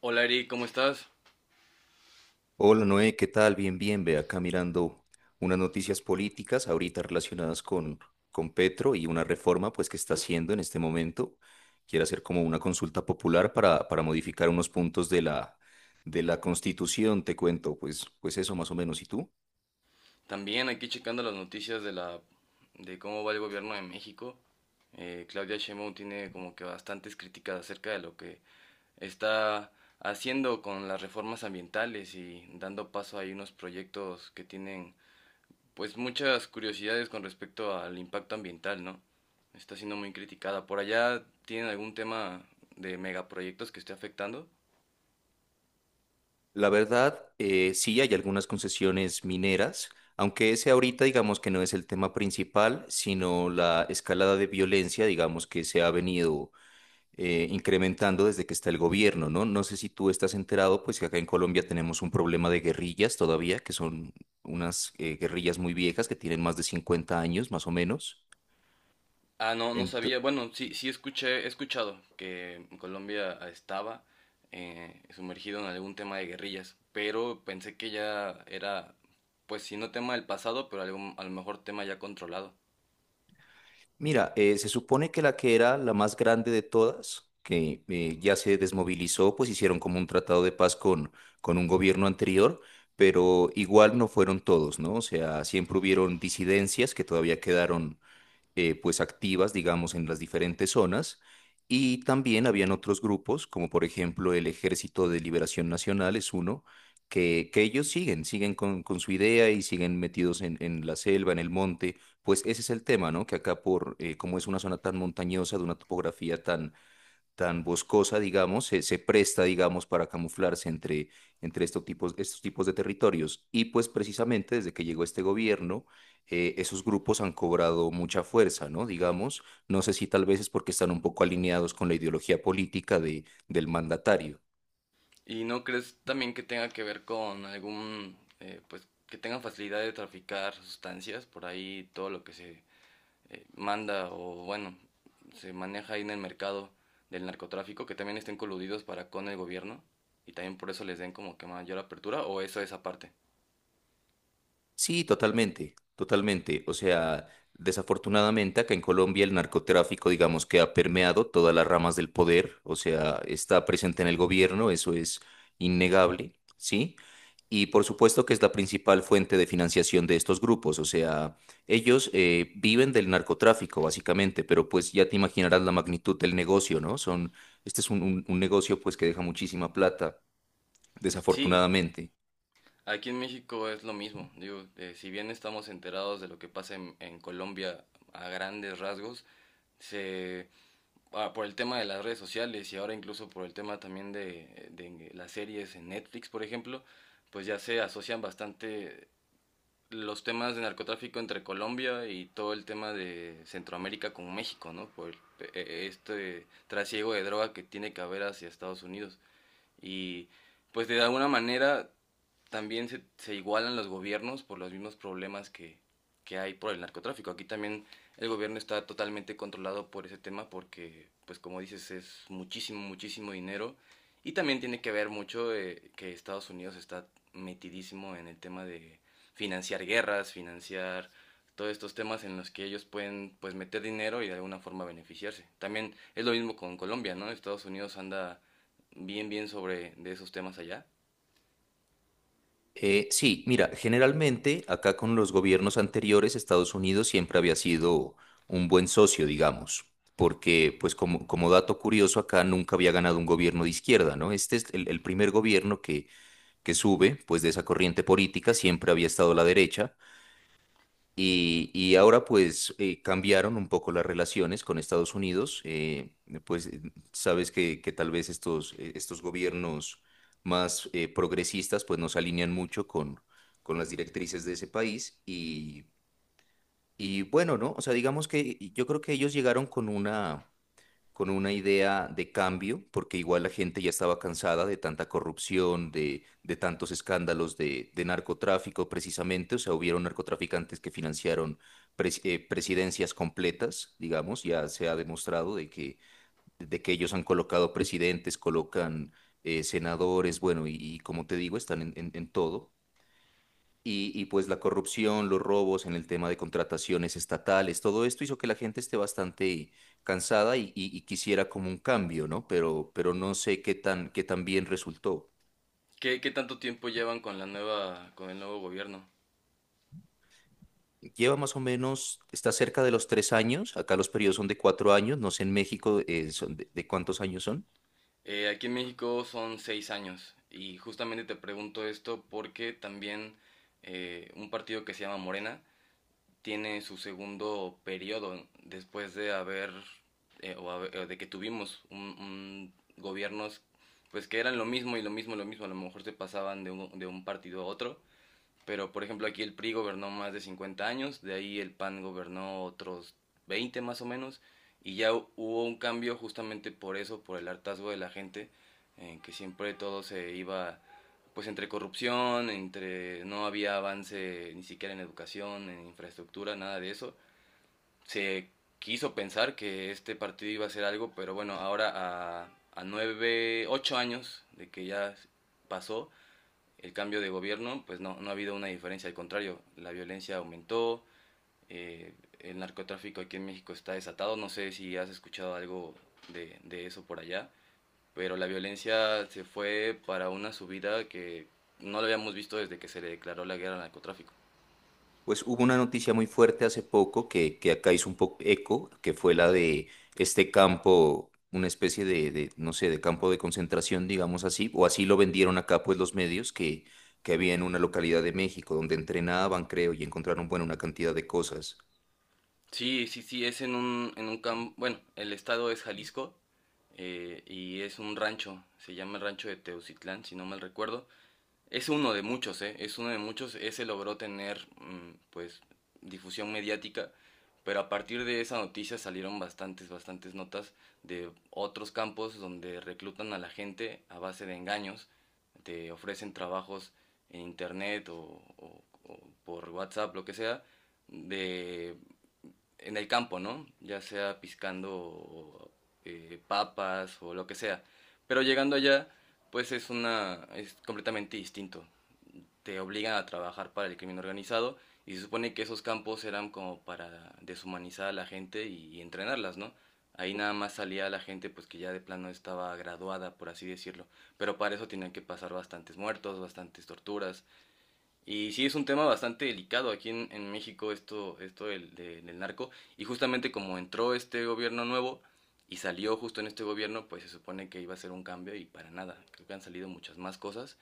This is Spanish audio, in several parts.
Hola Eri, ¿cómo estás? Hola Noé, ¿qué tal? Bien, bien, ve acá mirando unas noticias políticas ahorita relacionadas con Petro y una reforma pues que está haciendo en este momento. Quiere hacer como una consulta popular para modificar unos puntos de la Constitución, te cuento, pues eso más o menos. ¿Y tú? También aquí checando las noticias de la de cómo va el gobierno de México. Claudia Sheinbaum tiene como que bastantes críticas acerca de lo que está haciendo con las reformas ambientales y dando paso a unos proyectos que tienen pues muchas curiosidades con respecto al impacto ambiental, ¿no? Está siendo muy criticada. ¿Por allá tienen algún tema de megaproyectos que esté afectando? La verdad, sí hay algunas concesiones mineras, aunque ese ahorita digamos que no es el tema principal, sino la escalada de violencia, digamos que se ha venido incrementando desde que está el gobierno, ¿no? No sé si tú estás enterado, pues que acá en Colombia tenemos un problema de guerrillas todavía, que son unas guerrillas muy viejas que tienen más de 50 años, más o menos. Ah, no, no Ento- sabía. Bueno, sí, sí escuché, he escuchado que Colombia estaba sumergido en algún tema de guerrillas, pero pensé que ya era, pues si no tema del pasado, pero algún, a lo mejor tema ya controlado. Mira, se supone que la que era la más grande de todas, que ya se desmovilizó, pues hicieron como un tratado de paz con un gobierno anterior, pero igual no fueron todos, ¿no? O sea, siempre hubieron disidencias que todavía quedaron pues activas, digamos, en las diferentes zonas. Y también habían otros grupos, como por ejemplo el Ejército de Liberación Nacional es uno, que ellos siguen, siguen con su idea y siguen metidos en la selva, en el monte. Pues ese es el tema, ¿no? Que acá por, como es una zona tan montañosa, de una topografía tan boscosa, digamos, se presta, digamos, para camuflarse entre estos tipos de territorios. Y pues precisamente desde que llegó este gobierno, esos grupos han cobrado mucha fuerza, ¿no? Digamos, no sé si tal vez es porque están un poco alineados con la ideología política del mandatario. ¿Y no crees también que tenga que ver con algún, pues que tengan facilidad de traficar sustancias por ahí, todo lo que se manda o bueno, se maneja ahí en el mercado del narcotráfico, que también estén coludidos para con el gobierno y también por eso les den como que mayor apertura o eso es aparte. Sí, totalmente, totalmente. O sea, desafortunadamente acá en Colombia el narcotráfico, digamos que ha permeado todas las ramas del poder, o sea, está presente en el gobierno, eso es innegable, ¿sí? Y por supuesto que es la principal fuente de financiación de estos grupos, o sea, ellos viven del narcotráfico básicamente, pero pues ya te imaginarás la magnitud del negocio, ¿no? Son, este es un, un negocio pues que deja muchísima plata, Sí, desafortunadamente. aquí en México es lo mismo. Digo, si bien estamos enterados de lo que pasa en Colombia a grandes rasgos, se ah, por el tema de las redes sociales y ahora incluso por el tema también de las series en Netflix, por ejemplo, pues ya se asocian bastante los temas de narcotráfico entre Colombia y todo el tema de Centroamérica con México, ¿no? Este trasiego de droga que tiene que haber hacia Estados Unidos. Y pues de alguna manera también se igualan los gobiernos por los mismos problemas que hay por el narcotráfico. Aquí también el gobierno está totalmente controlado por ese tema porque, pues como dices, es muchísimo, muchísimo dinero. Y también tiene que ver mucho que Estados Unidos está metidísimo en el tema de financiar guerras, financiar todos estos temas en los que ellos pueden pues meter dinero y de alguna forma beneficiarse. También es lo mismo con Colombia, ¿no? Estados Unidos anda bien, bien sobre de esos temas allá. Sí, mira, generalmente acá con los gobiernos anteriores, Estados Unidos siempre había sido un buen socio, digamos, porque pues como, como dato curioso, acá nunca había ganado un gobierno de izquierda, ¿no? Este es el primer gobierno que sube, pues de esa corriente política, siempre había estado la derecha. Y ahora pues cambiaron un poco las relaciones con Estados Unidos, pues eh, sabes que tal vez estos gobiernos más progresistas pues no se alinean mucho con las directrices de ese país y bueno, ¿no? O sea, digamos que yo creo que ellos llegaron con una idea de cambio, porque igual la gente ya estaba cansada de tanta corrupción, de tantos escándalos de narcotráfico precisamente, o sea, hubieron narcotraficantes que financiaron presidencias completas, digamos, ya se ha demostrado de de que ellos han colocado presidentes, colocan senadores, bueno, y como te digo, están en, en todo. Y pues la corrupción, los robos en el tema de contrataciones estatales, todo esto hizo que la gente esté bastante cansada y, y quisiera como un cambio, ¿no? Pero no sé qué tan bien resultó. ¿Qué, qué tanto tiempo llevan con, la nueva, con el nuevo gobierno? Lleva más o menos, está cerca de los 3 años, acá los periodos son de 4 años, no sé en México son de cuántos años son. Aquí en México son seis años y justamente te pregunto esto porque también un partido que se llama Morena tiene su segundo periodo después de haber, o haber- de que tuvimos un gobiernos pues que eran lo mismo y lo mismo, a lo mejor se pasaban de de un partido a otro. Pero, por ejemplo, aquí el PRI gobernó más de 50 años, de ahí el PAN gobernó otros 20 más o menos, y ya hubo un cambio justamente por eso, por el hartazgo de la gente, en que siempre todo se iba, pues, entre corrupción, entre no había avance ni siquiera en educación, en infraestructura, nada de eso. Se quiso pensar que este partido iba a hacer algo, pero bueno, ahora a, a nueve, ocho años de que ya pasó, el cambio de gobierno, pues no, no ha habido una diferencia, al contrario, la violencia aumentó, eh, el narcotráfico aquí en México está desatado, no sé si has escuchado algo de eso por allá, pero la violencia se fue para una subida que no lo habíamos visto desde que se le declaró la guerra al narcotráfico. Pues hubo una noticia muy fuerte hace poco que acá hizo un poco eco, que fue la de este campo, una especie no sé, de campo de concentración, digamos así, o así lo vendieron acá pues los medios, que había en una localidad de México donde entrenaban, creo, y encontraron, bueno, una cantidad de cosas. Sí, sí, sí, es en un campo, bueno, el estado es Jalisco y es un rancho, se llama el rancho de Teucitlán, si no mal recuerdo. Es uno de muchos, ¿eh? Es uno de muchos. Ese logró tener, mm, pues, difusión mediática, pero a partir de esa noticia salieron bastantes, bastantes notas de otros campos donde reclutan a la gente a base de engaños, te ofrecen trabajos en internet o, o por WhatsApp, lo que sea, de, en el campo, ¿no? Ya sea piscando papas o lo que sea. Pero llegando allá, pues es una, es completamente distinto, te obligan a trabajar para el crimen organizado y se supone que esos campos eran como para deshumanizar a la gente y entrenarlas, ¿no? Ahí nada más salía la gente pues que ya de plano estaba graduada, por así decirlo, pero para eso tenían que pasar bastantes muertos, bastantes torturas. Y sí es un tema bastante delicado aquí en México esto, esto del, del narco y justamente como entró este gobierno nuevo y salió justo en este gobierno, pues se supone que iba a ser un cambio y para nada. Creo que han salido muchas más cosas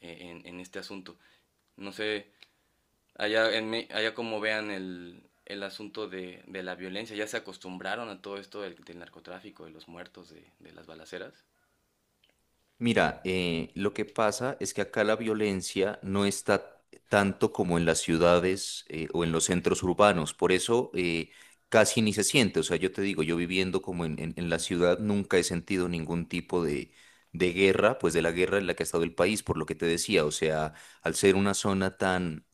en este asunto. No sé, allá, en, Me- allá como vean el asunto de la violencia, ya se acostumbraron a todo esto del, del narcotráfico, de los muertos, de las balaceras. Mira, lo que pasa es que acá la violencia no está tanto como en las ciudades o en los centros urbanos, por eso casi ni se siente. O sea, yo te digo, yo viviendo como en, en la ciudad nunca he sentido ningún tipo de guerra, pues de la guerra en la que ha estado el país, por lo que te decía. O sea, al ser una zona tan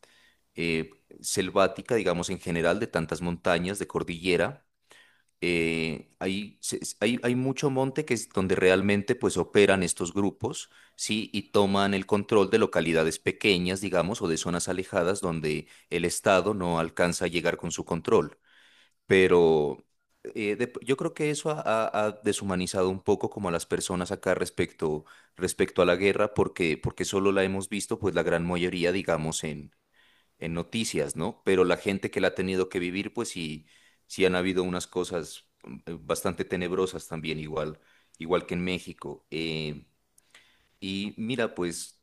eh, selvática, digamos en general, de tantas montañas, de cordillera hay, hay, hay mucho monte que es donde realmente pues operan estos grupos, ¿sí? Y toman el control de localidades pequeñas, digamos, o de zonas alejadas donde el Estado no alcanza a llegar con su control. Pero yo creo que eso ha, ha deshumanizado un poco como a las personas acá respecto, respecto a la guerra, porque, porque solo la hemos visto pues la gran mayoría, digamos, en noticias, ¿no? Pero la gente que la ha tenido que vivir, pues sí, sí han habido unas cosas bastante tenebrosas también, igual, igual que en México. Y mira, pues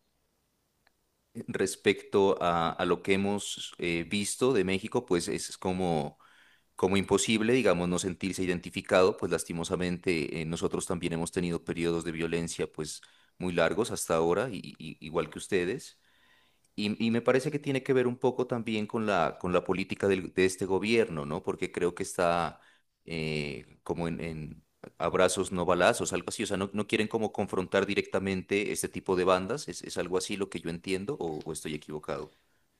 respecto a lo que hemos visto de México, pues es como, como imposible, digamos, no sentirse identificado, pues lastimosamente nosotros también hemos tenido periodos de violencia, pues muy largos hasta ahora, igual que ustedes. Y me parece que tiene que ver un poco también con la política de este gobierno, ¿no? Porque creo que está como en abrazos no balazos, algo así. O sea, no, no quieren como confrontar directamente este tipo de bandas. Es algo así lo que yo entiendo o estoy equivocado?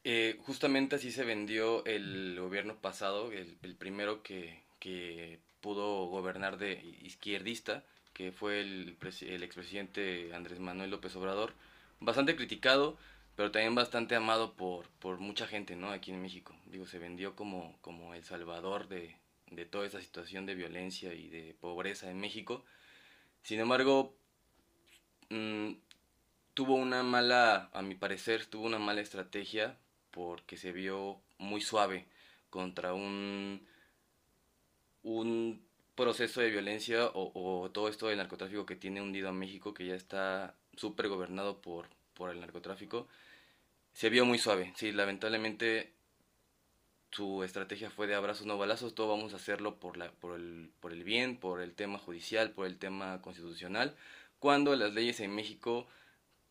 Justamente así se vendió el gobierno pasado, el primero que pudo gobernar de izquierdista, que fue el, pres- el expresidente Andrés Manuel López Obrador, bastante criticado, pero también bastante amado por mucha gente, ¿no? Aquí en México. Digo, se vendió como, como el salvador de toda esa situación de violencia y de pobreza en México. Sin embargo, mm, tuvo una mala, a mi parecer, tuvo una mala estrategia porque se vio muy suave contra un proceso de violencia o todo esto del narcotráfico que tiene hundido a México, que ya está súper gobernado por el narcotráfico. Se vio muy suave, sí, lamentablemente su estrategia fue de abrazos no balazos, todo vamos a hacerlo por, la, por el bien, por el tema judicial, por el tema constitucional, cuando las leyes en México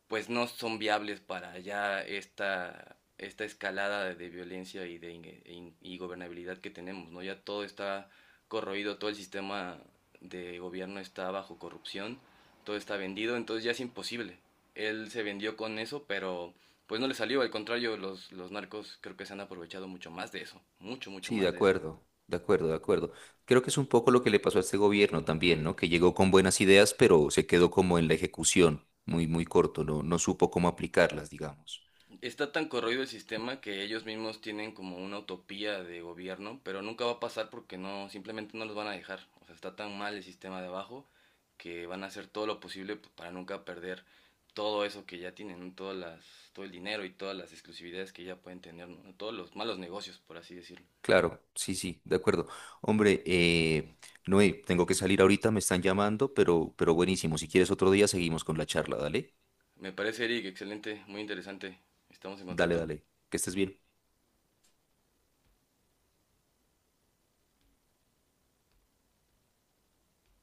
pues no son viables para ya esta escalada de violencia y de e in- y gobernabilidad que tenemos, ¿no? Ya todo está corroído, todo el sistema de gobierno está bajo corrupción, todo está vendido, entonces ya es imposible. Él se vendió con eso, pero pues no le salió, al contrario, los narcos creo que se han aprovechado mucho más de eso, mucho, mucho Sí, de más de eso. acuerdo, de acuerdo, de acuerdo. Creo que es un poco lo que le pasó a este gobierno también, ¿no? Que llegó con buenas ideas, pero se quedó como en la ejecución, muy, muy corto, no, no supo cómo aplicarlas, digamos. Está tan corroído el sistema que ellos mismos tienen como una utopía de gobierno, pero nunca va a pasar porque no, simplemente no los van a dejar. O sea, está tan mal el sistema de abajo que van a hacer todo lo posible para nunca perder todo eso que ya tienen, ¿no? Todas las, todo el dinero y todas las exclusividades que ya pueden tener, ¿no? Todos los malos negocios, por así decirlo. Claro, sí, sí, de acuerdo. Hombre, Noé, tengo que salir ahorita, me están llamando, pero buenísimo. Si quieres otro día, seguimos con la charla, dale. Me parece, Eric, excelente, muy interesante. Estamos en Dale, contacto. dale. Que estés bien.